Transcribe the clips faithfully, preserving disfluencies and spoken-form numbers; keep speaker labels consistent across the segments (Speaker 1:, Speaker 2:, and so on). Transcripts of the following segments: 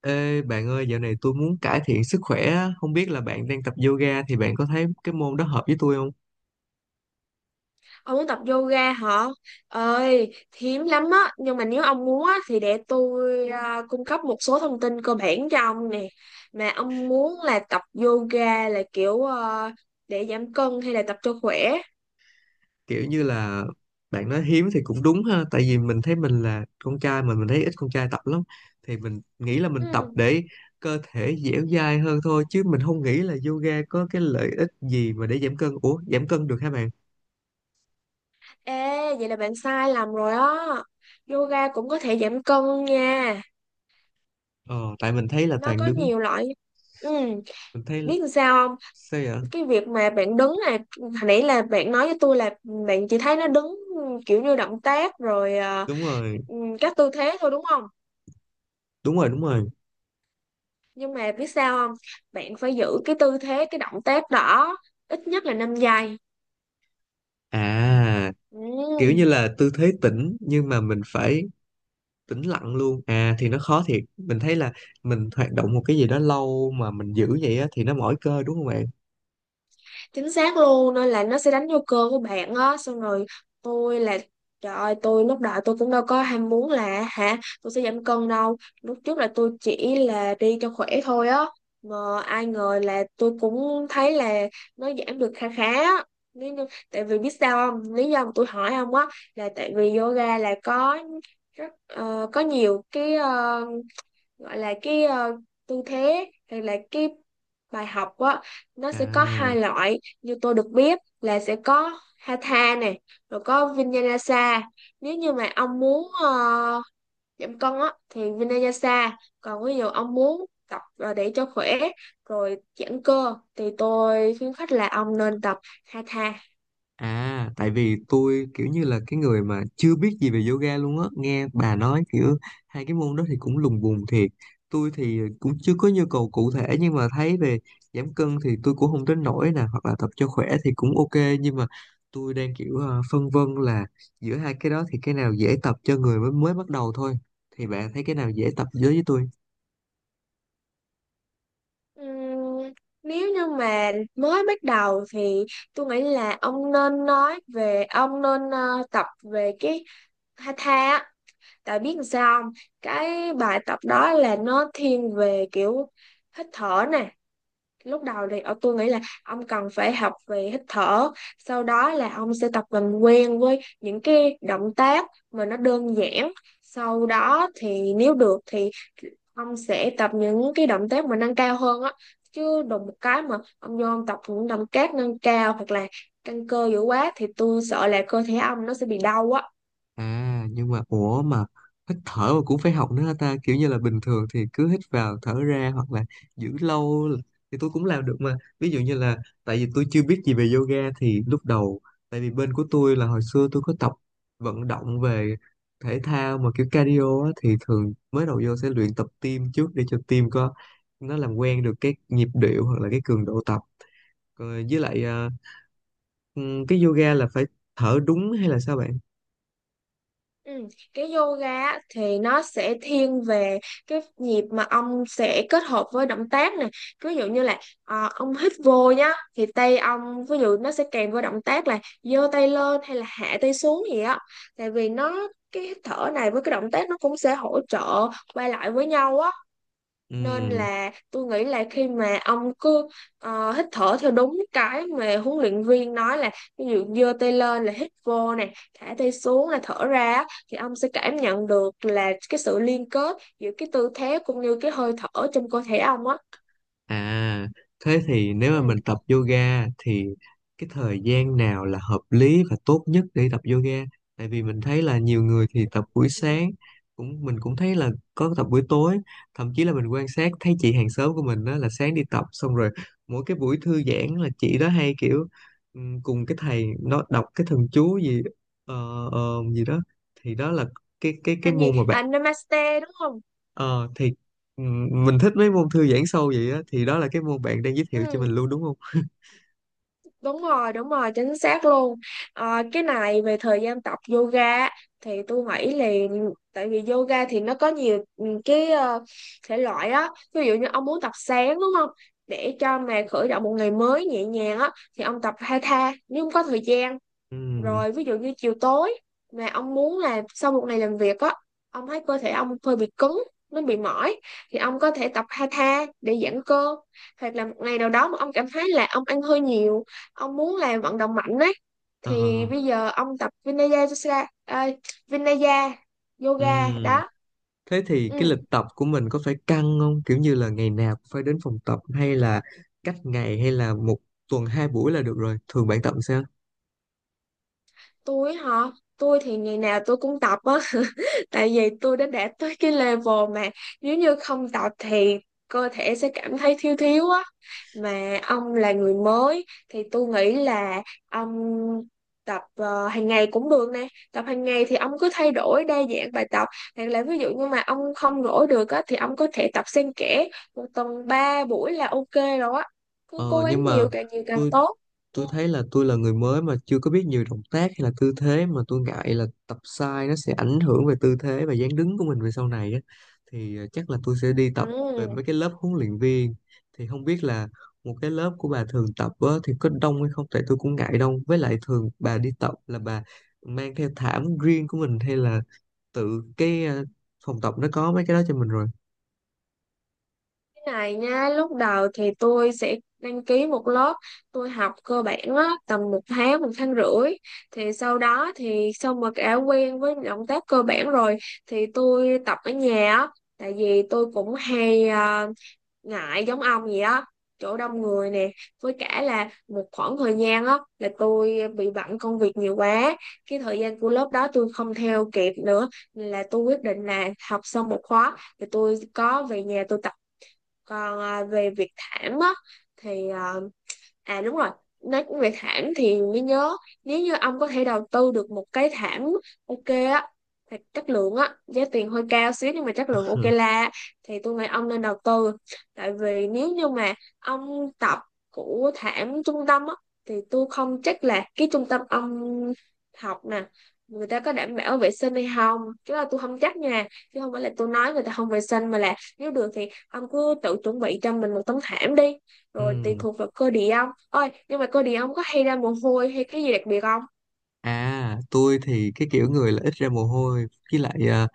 Speaker 1: Ê bạn ơi, dạo này tôi muốn cải thiện sức khỏe á. Không biết là bạn đang tập yoga thì bạn có thấy cái môn đó hợp với tôi không?
Speaker 2: Ông muốn tập yoga hả? Ơi, hiếm lắm á. Nhưng mà nếu ông muốn á, thì để tôi à, cung cấp một số thông tin cơ bản cho ông nè. Mà ông muốn là tập yoga là kiểu à, để giảm cân hay là tập cho khỏe?
Speaker 1: Kiểu như là bạn nói hiếm thì cũng đúng ha, tại vì mình thấy mình là con trai mà mình thấy ít con trai tập lắm. Thì mình nghĩ là mình tập
Speaker 2: Ừ.
Speaker 1: để cơ thể dẻo dai hơn thôi chứ mình không nghĩ là yoga có cái lợi ích gì mà để giảm cân. Ủa, giảm cân được hả bạn?
Speaker 2: Ê, vậy là bạn sai lầm rồi á. Yoga cũng có thể giảm cân nha.
Speaker 1: Ờ, tại mình thấy là
Speaker 2: Nó
Speaker 1: toàn
Speaker 2: có
Speaker 1: đứng,
Speaker 2: nhiều loại. Ừ,
Speaker 1: mình thấy
Speaker 2: biết làm sao không?
Speaker 1: sao vậy?
Speaker 2: Cái việc mà bạn đứng là hồi nãy là bạn nói với tôi là bạn chỉ thấy nó đứng kiểu như động tác rồi ờ,
Speaker 1: Đúng rồi,
Speaker 2: ừm, các tư thế thôi đúng không?
Speaker 1: đúng rồi, đúng rồi.
Speaker 2: Nhưng mà biết sao không? Bạn phải giữ cái tư thế cái động tác đó ít nhất là năm giây.
Speaker 1: À, kiểu như
Speaker 2: Ừ.
Speaker 1: là tư thế tĩnh nhưng mà mình phải tĩnh lặng luôn à, thì nó khó thiệt, mình thấy là mình hoạt động một cái gì đó lâu mà mình giữ vậy á thì nó mỏi cơ đúng không bạn
Speaker 2: Chính xác luôn, nên là nó sẽ đánh vô cơ của bạn á. Xong rồi tôi là trời ơi, tôi lúc đó tôi cũng đâu có ham muốn là hả tôi sẽ giảm cân đâu, lúc trước là tôi chỉ là đi cho khỏe thôi á, mà ai ngờ là tôi cũng thấy là nó giảm được khá khá á. Lý do- Tại vì biết sao không, lý do mà tôi hỏi ông á là tại vì yoga là có rất ờ, có nhiều cái ờ, gọi là cái ờ, tư thế hay là cái bài học á, nó sẽ có
Speaker 1: à?
Speaker 2: hai loại, như tôi được biết là sẽ có Hatha này, rồi có Vinyasa. Nếu như mà ông muốn ờ, giảm cân á thì Vinyasa, còn ví dụ ông muốn tập ờ, để cho khỏe rồi giãn cơ thì tôi khuyến khích là ông nên tập Hatha.
Speaker 1: À, tại vì tôi kiểu như là cái người mà chưa biết gì về yoga luôn á, nghe bà nói kiểu hai cái môn đó thì cũng lùng bùng thiệt. Tôi thì cũng chưa có nhu cầu cụ thể nhưng mà thấy về giảm cân thì tôi cũng không đến nỗi nè, hoặc là tập cho khỏe thì cũng ok nhưng mà tôi đang kiểu ờ, phân vân là giữa hai cái đó thì cái nào dễ tập cho người mới mới bắt đầu thôi. Thì bạn thấy cái nào dễ tập với với tôi?
Speaker 2: Ừm, nếu như mà mới bắt đầu thì tôi nghĩ là ông nên nói về ông nên ờ, tập về cái Tha Tha á, tại biết sao không? Cái bài tập đó là nó thiên về kiểu hít thở nè. Lúc đầu thì ở tôi nghĩ là ông cần phải học về hít thở, sau đó là ông sẽ tập làm quen với những cái động tác mà nó đơn giản. Sau đó thì nếu được thì ông sẽ tập những cái động tác mà nâng cao hơn á. Chứ đùng một cái mà ông vô ông tập những động tác nâng cao hoặc là căng cơ dữ quá thì tôi sợ là cơ thể ông nó sẽ bị đau á.
Speaker 1: À nhưng mà ủa mà hít thở mà cũng phải học nữa hả ta, kiểu như là bình thường thì cứ hít vào thở ra hoặc là giữ lâu là- thì tôi cũng làm được mà, ví dụ như là tại vì tôi chưa biết gì về yoga thì lúc đầu tại vì bên của tôi là hồi xưa tôi có tập vận động về thể thao mà kiểu cardio á, thì thường mới đầu vô sẽ luyện tập tim trước để cho tim có nó làm quen được cái nhịp điệu hoặc là cái cường độ tập. Rồi với lại ờ, ừ, cái yoga là phải thở đúng hay là sao bạn?
Speaker 2: Ừ. Cái yoga á, thì nó sẽ thiên về cái nhịp mà ông sẽ kết hợp với động tác này, ví dụ như là ờ, ông hít vô nhá, thì tay ông ví dụ nó sẽ kèm với động tác là giơ tay lên hay là hạ tay xuống gì á, tại vì nó cái hít thở này với cái động tác nó cũng sẽ hỗ trợ qua lại với nhau á, nên
Speaker 1: Ừ.
Speaker 2: là tôi nghĩ là khi mà ông cứ ờ, hít thở theo đúng cái mà huấn luyện viên nói, là ví dụ giơ tay lên là hít vô nè, thả tay xuống là thở ra á, thì ông sẽ cảm nhận được là cái sự liên kết giữa cái tư thế cũng như cái hơi thở trong cơ thể ông á.
Speaker 1: À, thế thì nếu mà
Speaker 2: Ừ.
Speaker 1: mình tập yoga thì cái thời gian nào là hợp lý và tốt nhất để tập yoga? Tại vì mình thấy là nhiều người thì tập buổi
Speaker 2: Ừ.
Speaker 1: sáng, cũng mình cũng thấy là có tập buổi tối, thậm chí là mình quan sát thấy chị hàng xóm của mình đó là sáng đi tập xong rồi mỗi cái buổi thư giãn là chị đó hay kiểu ừm, cùng cái thầy nó đọc cái thần chú gì ờ, ờ, gì đó, thì đó là cái cái cái
Speaker 2: Anh gì
Speaker 1: môn mà bạn.
Speaker 2: à, namaste đúng không?
Speaker 1: Ờ thì ừm, mình thích mấy môn thư giãn sâu vậy á, thì đó là cái môn bạn đang giới thiệu cho mình
Speaker 2: Ừ.
Speaker 1: luôn đúng không?
Speaker 2: Đúng rồi, đúng rồi, chính xác luôn. Ờ, cái này về thời gian tập yoga á, thì tôi nghĩ là tại vì yoga thì nó có nhiều ừ, cái ờ, thể loại á. Ví dụ như ông muốn tập sáng đúng không? Để cho mà khởi động một ngày mới nhẹ nhàng á thì ông tập hatha. Nếu không có thời gian
Speaker 1: Ừm.
Speaker 2: rồi, ví dụ như chiều tối mà ông muốn là sau một ngày làm việc á, ông thấy cơ thể ông hơi bị cứng, nó bị mỏi, thì ông có thể tập hatha để giãn cơ. Hoặc là một ngày nào đó mà ông cảm thấy là ông ăn hơi nhiều, ông muốn là vận động mạnh ấy,
Speaker 1: Ờ.
Speaker 2: thì bây giờ ông tập Vinaya, Yoga- à, Vinaya yoga
Speaker 1: Ừm.
Speaker 2: đó.
Speaker 1: Thế thì
Speaker 2: Ừ.
Speaker 1: cái lịch tập của mình có phải căng không? Kiểu như là ngày nào cũng phải đến phòng tập hay là cách ngày hay là một tuần hai buổi là được rồi. Thường bạn tập sao?
Speaker 2: Tôi hả? Tôi thì ngày nào tôi cũng tập á. Tại vì tôi đã đạt tới cái level mà nếu như không tập thì cơ thể sẽ cảm thấy thiếu thiếu á. Mà ông là người mới thì tôi nghĩ là ông tập ờ, hàng ngày cũng được nè, tập hàng ngày thì ông cứ thay đổi đa dạng bài tập, hoặc là ví dụ như mà ông không rỗi được á thì ông có thể tập xen kẽ, một tuần ba buổi là ok rồi á, cứ cố
Speaker 1: Ờ
Speaker 2: gắng
Speaker 1: nhưng mà
Speaker 2: nhiều, càng nhiều càng
Speaker 1: tôi
Speaker 2: tốt.
Speaker 1: tôi thấy là tôi là người mới mà chưa có biết nhiều động tác hay là tư thế mà tôi ngại là tập sai nó sẽ ảnh hưởng về tư thế và dáng đứng của mình về sau này á, thì ờ, chắc là tôi sẽ đi tập về mấy
Speaker 2: Ừ.
Speaker 1: cái lớp huấn luyện viên, thì không biết là một cái lớp của bà thường tập á, thì có đông hay không, tại tôi cũng ngại đông với lại thường bà đi tập là bà mang theo thảm riêng của mình hay là tự cái ờ, phòng tập nó có mấy cái đó cho mình rồi.
Speaker 2: Này nha, lúc đầu thì tôi sẽ đăng ký một lớp, tôi học cơ bản á, tầm một tháng một tháng rưỡi, thì sau đó thì sau mà đã quen với động tác cơ bản rồi thì tôi tập ở nhà á. Tại vì tôi cũng hay à, ngại giống ông vậy á, chỗ đông người nè, với cả là một khoảng thời gian á là tôi bị bận công việc nhiều quá, cái thời gian của lớp đó tôi không theo kịp nữa, nên là tôi quyết định là học xong một khóa thì tôi có về nhà tôi tập. Còn à, về Việt Thảm á thì à, à đúng rồi, nói về thảm thì mới nhớ, nếu như ông có thể đầu tư được một cái thảm ok á, thật chất lượng á, giá tiền hơi cao xíu nhưng mà chất lượng ok la, thì tôi nghĩ ông nên đầu tư. Tại vì nếu như mà ông tập của thảm trung tâm á thì tôi không chắc là cái trung tâm ông học nè người ta có đảm bảo vệ sinh hay không, chứ là tôi không chắc nha, chứ không phải là tôi nói người ta không vệ sinh, mà là nếu được thì ông cứ tự chuẩn bị cho mình một tấm thảm đi, rồi tùy
Speaker 1: Ừ.
Speaker 2: thuộc vào cơ địa ông, ôi nhưng mà cơ địa ông có hay ra mồ hôi hay cái gì đặc biệt không?
Speaker 1: À, tôi thì cái kiểu người là ít ra mồ hôi với lại ờ,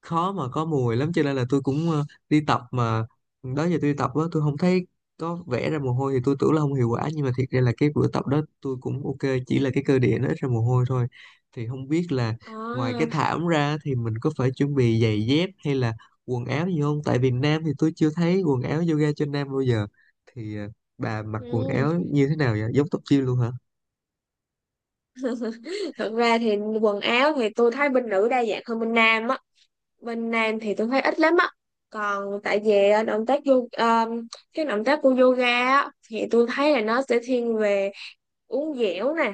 Speaker 1: khó mà có mùi lắm cho nên là tôi cũng ờ, đi tập mà đó giờ tôi đi tập á tôi không thấy có vẽ ra mồ hôi thì tôi tưởng là không hiệu quả nhưng mà thiệt ra là cái bữa tập đó tôi cũng ok, chỉ là cái cơ địa nó ít ra mồ hôi thôi, thì không biết là ngoài cái
Speaker 2: À.
Speaker 1: thảm ra thì mình có phải chuẩn bị giày dép hay là quần áo gì không, tại Việt Nam thì tôi chưa thấy quần áo yoga cho nam bao giờ, thì ờ, bà mặc quần
Speaker 2: Ừm.
Speaker 1: áo như thế nào vậy, giống tóc gym luôn hả?
Speaker 2: Thật ra thì quần áo thì tôi thấy bên nữ đa dạng hơn bên nam á, bên nam thì tôi thấy ít lắm á. Còn tại vì ờ, động tác vô ờ, cái động tác của yoga á, thì tôi thấy là nó sẽ thiên về uống dẻo nè,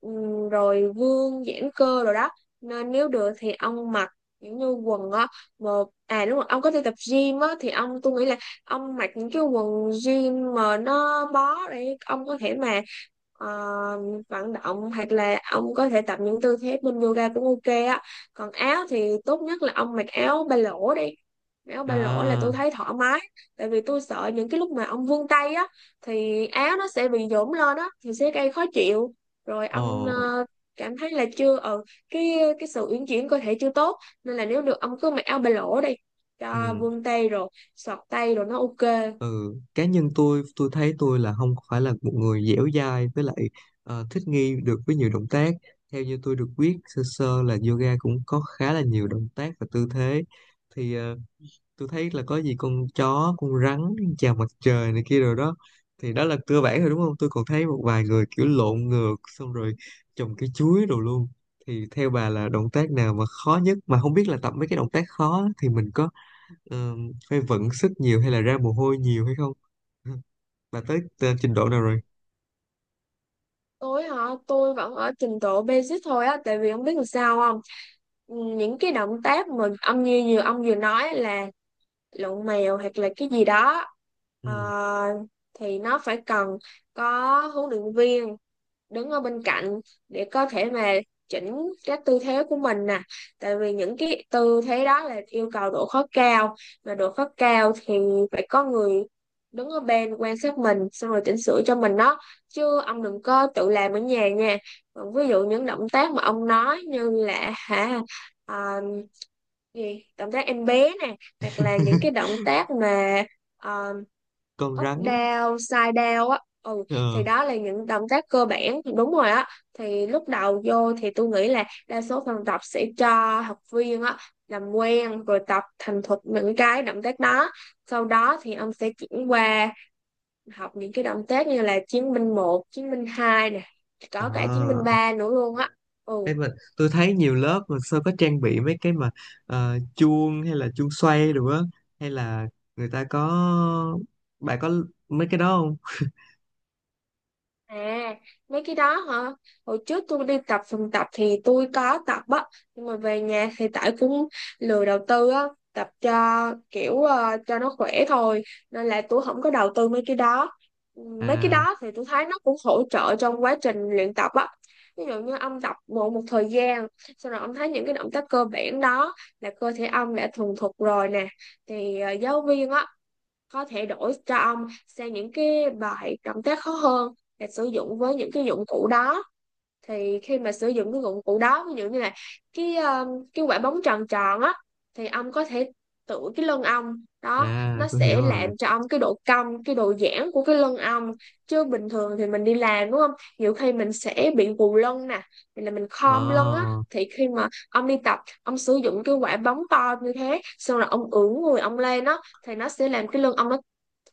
Speaker 2: ừm, rồi vương giãn cơ rồi đó, nên nếu được thì ông mặc những như quần á một à đúng rồi, ông có đi tập gym á thì ông, tôi nghĩ là ông mặc những cái quần gym mà nó bó, để ông có thể mà ờ, vận động hoặc là ông có thể tập những tư thế bên yoga cũng ok á. Còn áo thì tốt nhất là ông mặc áo ba lỗ đi, áo ba lỗ là tôi
Speaker 1: À.
Speaker 2: thấy thoải mái, tại vì tôi sợ những cái lúc mà ông vươn tay á thì áo nó sẽ bị nhũn lên á, thì sẽ gây khó chịu, rồi ông
Speaker 1: Ồ.
Speaker 2: ờ, cảm thấy là chưa ờ cái cái sự uyển chuyển cơ thể chưa tốt, nên là nếu được ông cứ mặc áo ba lỗ đi, cho
Speaker 1: Ừ.
Speaker 2: vuông tay rồi xọt tay rồi nó ok.
Speaker 1: Cá nhân tôi tôi thấy tôi là không phải là một người dẻo dai với lại ờ, thích nghi được với nhiều động tác. Theo như tôi được biết sơ sơ là yoga cũng có khá là nhiều động tác và tư thế, thì ờ, tôi thấy là có gì con chó, con rắn, chào mặt trời này kia rồi đó, thì đó là cơ bản rồi đúng không? Tôi còn thấy một vài người kiểu lộn ngược xong rồi trồng cái chuối đồ luôn, thì theo bà là động tác nào mà khó nhất, mà không biết là tập mấy cái động tác khó thì mình có ờ, phải vận sức nhiều hay là ra mồ hôi nhiều hay không? Bà tới t- trình độ nào
Speaker 2: Ừ.
Speaker 1: rồi?
Speaker 2: Tôi hả? Tôi vẫn ở trình độ basic thôi á, tại vì không biết làm sao không. Ừ, những cái động tác mà ông như vừa ông vừa nói là lộn mèo hoặc là cái gì đó, ờ,
Speaker 1: Ừ.
Speaker 2: thì nó phải cần có huấn luyện viên đứng ở bên cạnh để có thể mà chỉnh các tư thế của mình nè, tại vì những cái tư thế đó là yêu cầu độ khó cao, mà độ khó cao thì phải có người đứng ở bên quan sát mình xong rồi chỉnh sửa cho mình đó, chứ ông đừng có tự làm ở nhà nha. Còn ví dụ những động tác mà ông nói như là hả, à, gì, động tác em bé nè, hoặc là những cái động tác mà à,
Speaker 1: Con
Speaker 2: up
Speaker 1: rắn.
Speaker 2: down side down á, ừ, thì
Speaker 1: Ờ.
Speaker 2: đó là những động tác cơ bản đúng rồi á. Thì lúc đầu vô thì tôi nghĩ là đa số phòng tập sẽ cho học viên á làm quen rồi tập thành thục những cái động tác đó, sau đó thì ông sẽ chuyển qua học những cái động tác như là chiến binh một, chiến binh hai nè, có cả chiến binh
Speaker 1: À.
Speaker 2: ba nữa luôn á. Ừ.
Speaker 1: Ê, mà tôi thấy nhiều lớp mà sao có trang bị mấy cái mà ờ, chuông hay là chuông xoay đồ á, hay là người ta có, bạn có mấy cái đó không?
Speaker 2: À, mấy cái đó hả? Hồi trước tôi đi tập phòng tập thì tôi có tập á, nhưng mà về nhà thì tại cũng lười đầu tư á, tập cho kiểu ờ, cho nó khỏe thôi, nên là tôi không có đầu tư mấy cái đó. Ừ, mấy cái
Speaker 1: À.
Speaker 2: đó thì tôi thấy nó cũng hỗ trợ trong quá trình luyện tập á. Ví dụ như ông tập một một thời gian, sau rồi ông thấy những cái động tác cơ bản đó là cơ thể ông đã thuần thục rồi nè, thì ờ, giáo viên á có thể đổi cho ông sang những cái bài động tác khó hơn, để sử dụng với những cái dụng cụ đó. Thì khi mà sử dụng cái dụng cụ đó, ví dụ như là cái ờ, cái quả bóng tròn tròn á, thì ông có thể tự cái lưng ông đó,
Speaker 1: À,
Speaker 2: nó
Speaker 1: tôi hiểu
Speaker 2: sẽ
Speaker 1: rồi.
Speaker 2: làm cho ông cái độ cong cái độ giãn của cái lưng ông. Chứ bình thường thì mình đi làm đúng không, nhiều khi mình sẽ bị gù lưng nè, thì là mình
Speaker 1: Ờ.
Speaker 2: khom lưng á, thì khi mà ông đi tập ông sử dụng cái quả bóng to như thế xong rồi ông ưỡn người ông lên á thì nó sẽ làm cái lưng ông nó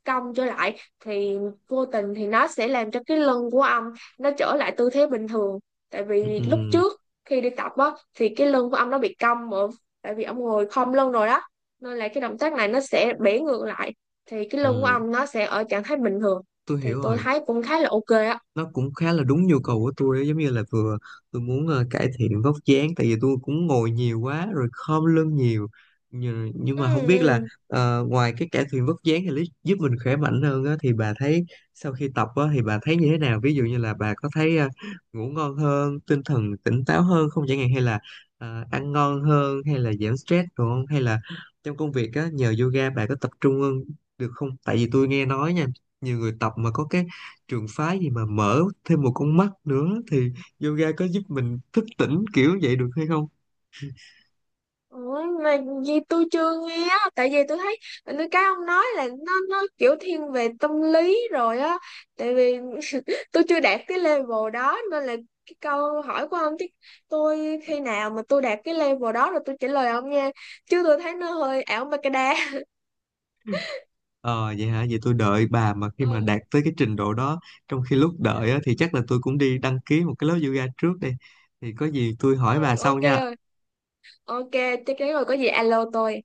Speaker 2: cong trở lại, thì vô tình thì nó sẽ làm cho cái lưng của ông nó trở lại tư thế bình thường. Tại
Speaker 1: Ừ,
Speaker 2: vì
Speaker 1: ừ,
Speaker 2: lúc trước khi đi tập á thì cái lưng của ông nó bị cong mà, tại vì ông ngồi khom lưng rồi đó, nên là cái động tác này nó sẽ bẻ ngược lại thì cái lưng của
Speaker 1: ừ,
Speaker 2: ông nó sẽ ở trạng thái bình thường.
Speaker 1: tôi
Speaker 2: Thì
Speaker 1: hiểu
Speaker 2: tôi
Speaker 1: rồi.
Speaker 2: thấy cũng khá là ok á.
Speaker 1: Nó cũng khá là đúng nhu cầu của tôi ấy, giống như là vừa tôi muốn ờ, cải thiện vóc dáng tại vì tôi cũng ngồi nhiều quá rồi khom lưng nhiều, nhưng, nhưng
Speaker 2: Ừ,
Speaker 1: mà không biết là
Speaker 2: ừ.
Speaker 1: ờ, ngoài cái cải thiện vóc dáng thì lý- giúp mình khỏe mạnh hơn á, thì bà thấy sau khi tập á, thì bà thấy như thế nào, ví dụ như là bà có thấy ờ, ngủ ngon hơn tinh thần tỉnh táo hơn không chẳng hạn, hay là ờ, ăn ngon hơn hay là giảm stress đúng không, hay là trong công việc á, nhờ yoga bà có tập trung hơn được không, tại vì tôi nghe nói nha nhiều người tập mà có cái trường phái gì mà mở thêm một con mắt nữa thì yoga có giúp mình thức tỉnh kiểu vậy được hay không?
Speaker 2: Ủa, mà gì tôi chưa nghe á, tại vì tôi thấy tôi cái ông nói là nó nó kiểu thiên về tâm lý rồi á, tại vì tôi chưa đạt cái level đó nên là cái câu hỏi của ông, chứ tôi khi nào mà tôi đạt cái level đó rồi tôi trả lời ông nha, chứ tôi thấy nó hơi ảo ma cái đá.
Speaker 1: Ờ vậy hả, vậy tôi đợi bà mà khi mà
Speaker 2: Ừ,
Speaker 1: đạt tới cái trình độ đó, trong khi lúc đợi á, thì chắc là tôi cũng đi đăng ký một cái lớp yoga trước đây, thì có gì tôi hỏi bà
Speaker 2: ừ,
Speaker 1: sau
Speaker 2: ok
Speaker 1: nha.
Speaker 2: rồi, ok, chắc chắn rồi, có gì alo tôi.